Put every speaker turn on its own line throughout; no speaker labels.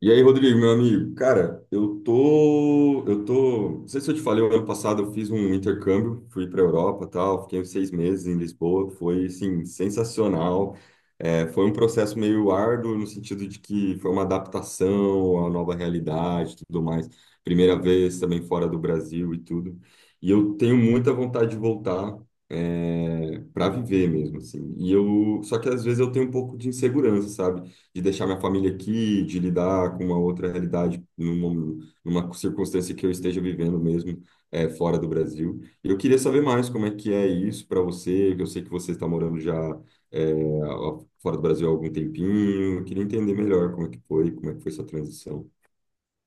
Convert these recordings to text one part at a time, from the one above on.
E aí, Rodrigo, meu amigo, cara, eu tô, não sei se eu te falei, o ano passado eu fiz um intercâmbio, fui para Europa, tal, fiquei uns 6 meses em Lisboa, foi, assim, sensacional. É, foi um processo meio árduo no sentido de que foi uma adaptação à nova realidade, e tudo mais. Primeira vez também fora do Brasil e tudo. E eu tenho muita vontade de voltar. É, para viver mesmo assim. E eu, só que às vezes eu tenho um pouco de insegurança, sabe? De deixar minha família aqui, de lidar com uma outra realidade numa circunstância que eu esteja vivendo mesmo, fora do Brasil. E eu queria saber mais como é que é isso para você, que eu sei que você está morando já, é, fora do Brasil há algum tempinho. Eu queria entender melhor como é que foi, como é que foi essa transição.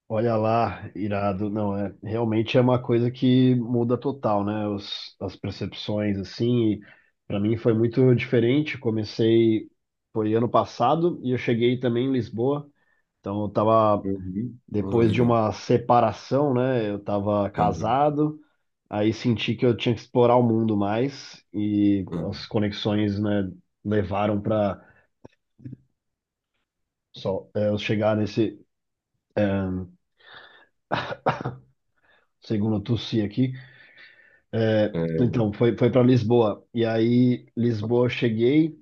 Olha lá, irado. Não, realmente é uma coisa que muda total, né? As percepções, assim. E pra mim foi muito diferente. Foi ano passado e eu cheguei também em Lisboa. Então eu tava
Uhum. Ah,
depois de
legal.
uma separação, né? Eu tava
Uhum.
casado, aí senti que eu tinha que explorar o mundo mais e as
Uhum.
conexões, né, levaram para eu chegar nesse segundo Tussi aqui. É,
É,
então, foi, foi para Lisboa. E aí, Lisboa, eu cheguei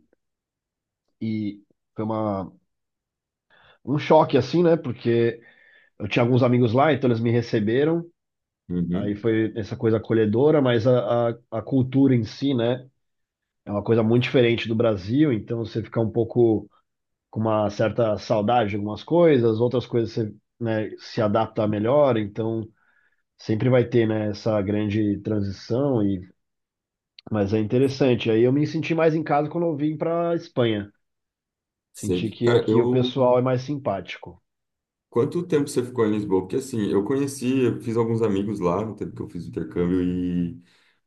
e foi um choque, assim, né? Porque eu tinha alguns amigos lá, então eles me receberam. Aí
uhum,
foi essa coisa acolhedora, mas a cultura em si, né? É uma coisa muito diferente do Brasil, então você fica um pouco com uma certa saudade de algumas coisas, outras coisas você, né, se adapta melhor, então sempre vai ter, né, essa grande transição. E mas é interessante. Aí eu me senti mais em casa quando eu vim para Espanha. Senti
sei.
que
Cara,
aqui o
eu.
pessoal é mais simpático.
Quanto tempo você ficou em Lisboa? Porque assim, eu conheci, eu fiz alguns amigos lá no tempo que eu fiz o intercâmbio e,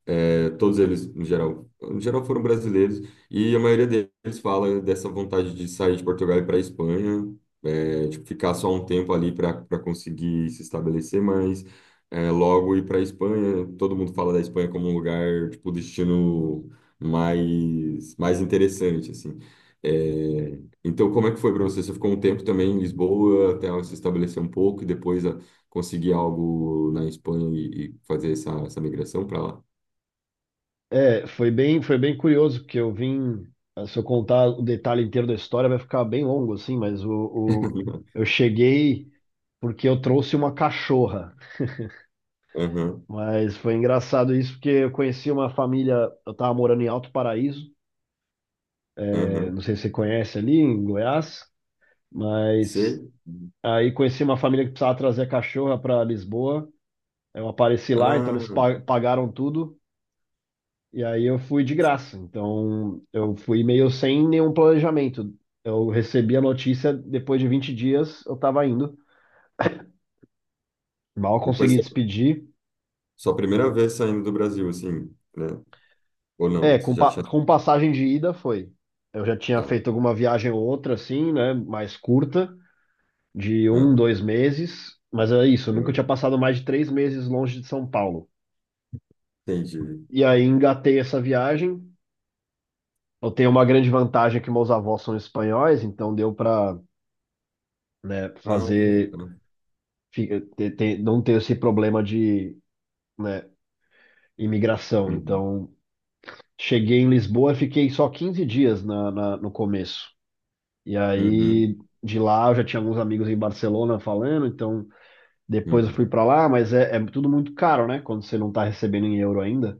É, todos eles, em geral foram brasileiros, e a maioria deles fala dessa vontade de sair de Portugal e para a Espanha, é, tipo, ficar só um tempo ali para conseguir se estabelecer, mas, logo ir para a Espanha. Todo mundo fala da Espanha como um lugar, tipo, o destino mais interessante, assim. É, então, como é que foi para você? Você ficou um tempo também em Lisboa, até se estabelecer um pouco, e depois ah, conseguir algo na Espanha e fazer essa, essa migração para lá?
É, foi bem curioso, porque eu vim. Se eu contar o detalhe inteiro da história, vai ficar bem longo, assim, mas eu cheguei porque eu trouxe uma cachorra.
Aham,
Mas foi engraçado isso, porque eu conheci uma família. Eu estava morando em Alto Paraíso, é, não
aham.
sei se você conhece ali, em Goiás, mas
Sei.
aí conheci uma família que precisava trazer a cachorra para Lisboa. Eu apareci lá, então eles
Ah,
pagaram tudo. E aí eu fui de graça. Então eu fui meio sem nenhum planejamento. Eu recebi a notícia depois de 20 dias, eu tava indo. Mal
e foi
consegui
sua,
despedir.
sua primeira vez saindo do Brasil, assim, né? Ou não?
É,
Você
com,
já tinha.
com passagem de ida foi. Eu já tinha
Tá.
feito alguma viagem ou outra, assim, né? Mais curta, de um,
Aham,
dois meses. Mas é isso, eu nunca tinha
aham.
passado mais de três meses longe de São Paulo.
Entendi.
E aí engatei essa viagem. Eu tenho uma grande vantagem, é que meus avós são espanhóis, então deu para, né,
Ah,
fazer,
tá.
não ter esse problema de, né, imigração.
Uhum,
Então, cheguei em Lisboa, fiquei só 15 dias no começo. E
uhum,
aí de lá eu já tinha alguns amigos em Barcelona falando, então depois eu
uhum.
fui para lá, mas é, é tudo muito caro, né, quando você não tá recebendo em euro ainda.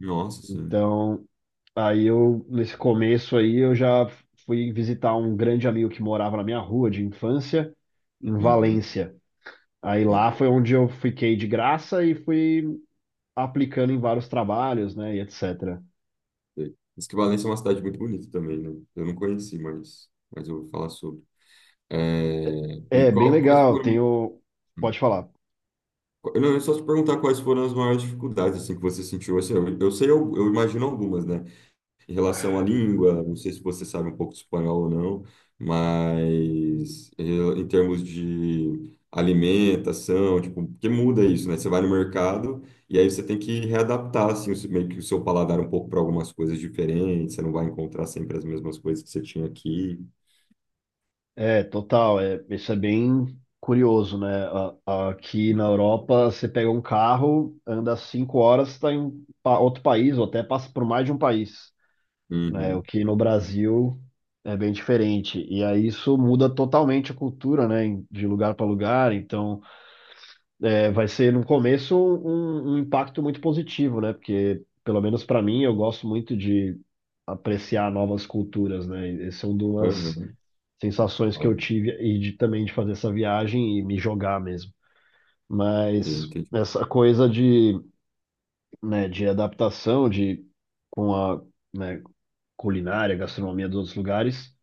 Nossa, sim.
Então, aí eu nesse começo aí eu já fui visitar um grande amigo que morava na minha rua de infância em
Uhum,
Valência. Aí lá
uhum.
foi onde eu fiquei de graça e fui aplicando em vários trabalhos, né, e etc.
Sei. Diz que Valência é uma cidade muito bonita também, né? Eu não conheci, mas eu vou falar sobre. É, e
É, bem
qual, quais
legal,
foram.
tenho... Pode falar.
Eu não, eu só te perguntar quais foram as maiores dificuldades assim, que você sentiu. Assim, eu sei, eu imagino algumas, né? Em relação à língua, não sei se você sabe um pouco de espanhol ou não, mas em termos de alimentação, tipo, porque muda isso, né? Você vai no mercado e aí você tem que readaptar, assim, o seu- meio que o seu paladar um pouco para algumas coisas diferentes, você não vai encontrar sempre as mesmas coisas que você tinha aqui.
É, total, é, isso é bem curioso, né? Aqui na Europa, você pega um carro, anda cinco horas, está em outro país, ou até passa por mais de um país, né? O
Uhum,
que no Brasil é bem diferente. E aí isso muda totalmente a cultura, né? De lugar para lugar, então... é, vai ser no começo um impacto muito positivo, né? Porque, pelo menos para mim, eu gosto muito de apreciar novas culturas, né? E são é
uhum,
sensações que eu
óbvio.
tive e de, também de fazer essa viagem e me jogar mesmo.
Sim,
Mas
entendi.
essa coisa de, né, de adaptação de com a, né, culinária, gastronomia dos outros lugares,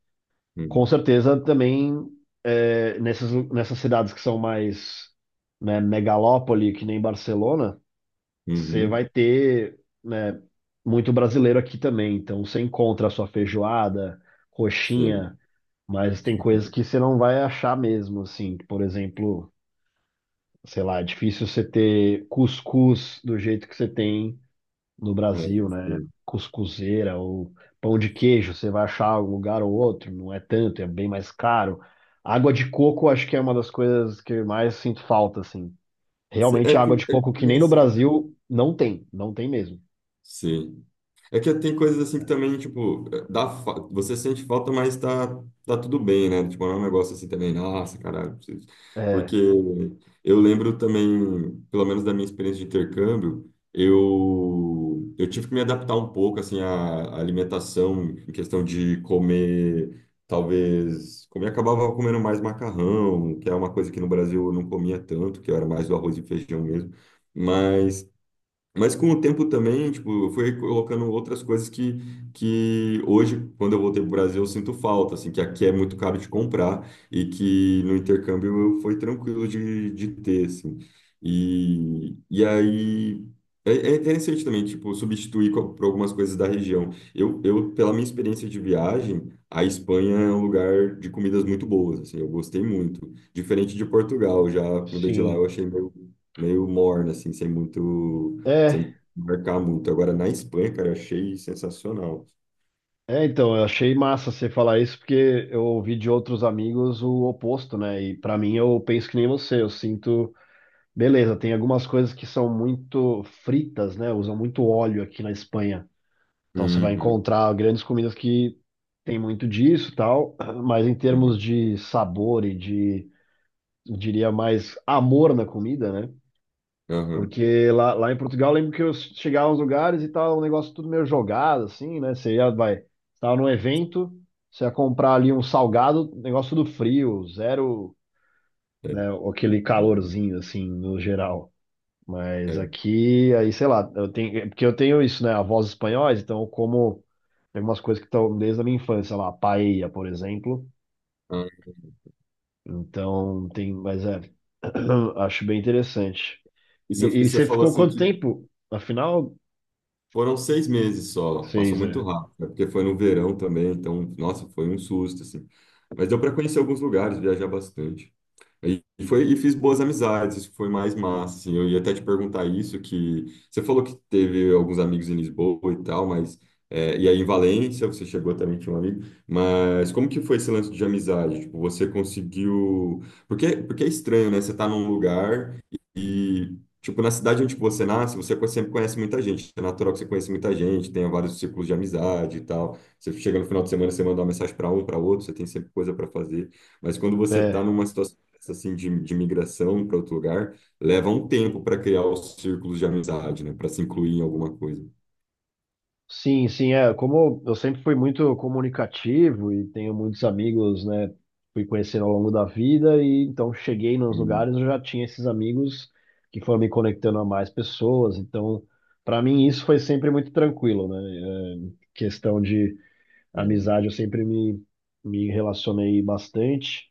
com
Uhum,
certeza também é, nessas cidades que são mais, né, megalópole, que nem Barcelona, você
uhum,
vai ter, né, muito brasileiro aqui também. Então você encontra a sua feijoada,
sei.
coxinha, mas tem coisas que você não vai achar mesmo, assim. Por exemplo, sei lá, é difícil você ter cuscuz do jeito que você tem no
É,
Brasil, né?
sei.
Cuscuzeira ou pão de queijo, você vai achar em um lugar ou outro, não é tanto, é bem mais caro. Água de coco, acho que é uma das coisas que eu mais sinto falta, assim.
Sei. É
Realmente, água
que,
de
é que,
coco que
nem
nem no
assim,
Brasil não tem, não tem mesmo.
sim. É que tem coisas assim que também, tipo, dá, fa- você sente falta, mas tá, tá tudo bem, né? Tipo, não é um negócio assim também, nossa, caralho, preciso. Porque
É.
eu lembro também, pelo menos da minha experiência de intercâmbio, eu tive que me adaptar um pouco, assim, à, à alimentação, em questão de comer, talvez, comer, acabava comendo mais macarrão, que é uma coisa que no Brasil eu não comia tanto, que eu era mais do arroz e feijão mesmo. Mas com o tempo também, tipo, eu fui colocando outras coisas que hoje, quando eu voltei para o Brasil, eu sinto falta, assim, que aqui é muito caro de comprar e que no intercâmbio eu- foi tranquilo de ter, assim. E aí, é, é interessante também, tipo, substituir co- por algumas coisas da região. Eu, pela minha experiência de viagem, a Espanha é um lugar de comidas muito boas, assim, eu gostei muito. Diferente de Portugal, já a comida de lá eu
Sim.
achei meio, meio morna, assim, sem muito sempre
É,
marcar muito. Agora, na Espanha, cara, eu achei sensacional.
é, então, eu achei massa você falar isso, porque eu ouvi de outros amigos o oposto, né? E pra mim, eu penso que nem você, eu sinto, beleza, tem algumas coisas que são muito fritas, né? Usam muito óleo aqui na Espanha. Então você vai
Uhum,
encontrar grandes comidas que tem muito disso, e tal, mas em termos
uhum,
de sabor e de, eu diria mais amor na comida, né?
aham,
Porque lá, lá em Portugal, eu lembro que eu chegava aos lugares e tal, um negócio tudo meio jogado, assim, né? Você ia, vai, estava num evento, você ia comprar ali um salgado, negócio tudo frio, zero,
é,
né? Aquele
verdade,
calorzinho, assim, no geral. Mas
é.
aqui, aí, sei lá, eu tenho, é porque eu tenho isso, né? Avós espanhóis, então eu como, tem algumas coisas que estão desde a minha infância, lá, paella, por exemplo.
Ah,
Então, tem, mas é, acho bem interessante.
e
E
você
você
falou
ficou
assim
quanto
que
tempo? Afinal,
foram 6 meses só, passou
seis, é.
muito rápido, né? Porque foi no verão também, então, nossa, foi um susto, assim. Mas deu para conhecer alguns lugares, viajar bastante. E foi, e fiz boas amizades, isso que foi mais massa, assim. Eu ia até te perguntar isso, que você falou que teve alguns amigos em Lisboa e tal, mas... é, e aí em Valência, você chegou também, tinha um amigo, mas como que foi esse lance de amizade? Tipo, você conseguiu... Porque, porque é estranho, né? Você tá num lugar e, tipo, na cidade onde você nasce, você co- sempre conhece muita gente. É natural que você conheça muita gente, tenha vários círculos de amizade e tal. Você chega no final de semana, você manda uma mensagem para um, para outro, você tem sempre coisa para fazer. Mas quando você está
É.
numa situação assim de migração para outro lugar leva um tempo para criar os círculos de amizade, né? Para se incluir em alguma coisa.
Sim, sim, é. Como eu sempre fui muito comunicativo e tenho muitos amigos, né? Fui conhecendo ao longo da vida, e então cheguei nos
Hum,
lugares, eu já tinha esses amigos que foram me conectando a mais pessoas. Então, para mim, isso foi sempre muito tranquilo, né? É, questão de
é,
amizade, eu sempre me relacionei bastante,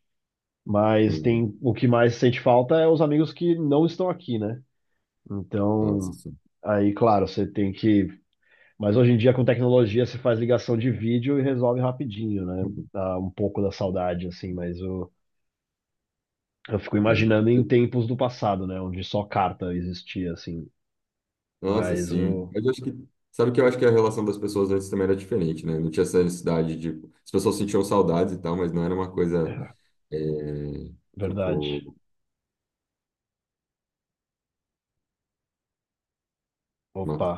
mas
uhum.
tem, o que mais sente falta é os amigos que não estão aqui, né?
Nossa,
Então,
sim.
aí, claro, você tem que... Mas hoje em dia, com tecnologia, se faz ligação de vídeo e resolve rapidinho, né? Dá um pouco da saudade, assim, mas eu fico
Hum.
imaginando em tempos do passado, né? Onde só carta existia, assim.
Nossa,
Mas
sim.
o.
Mas eu acho que sabe que eu acho que a relação das pessoas antes também era diferente, né? Não tinha essa necessidade de as pessoas sentiam saudades e tal, mas não era uma coisa, é,
Verdade.
tipo uma
Opa.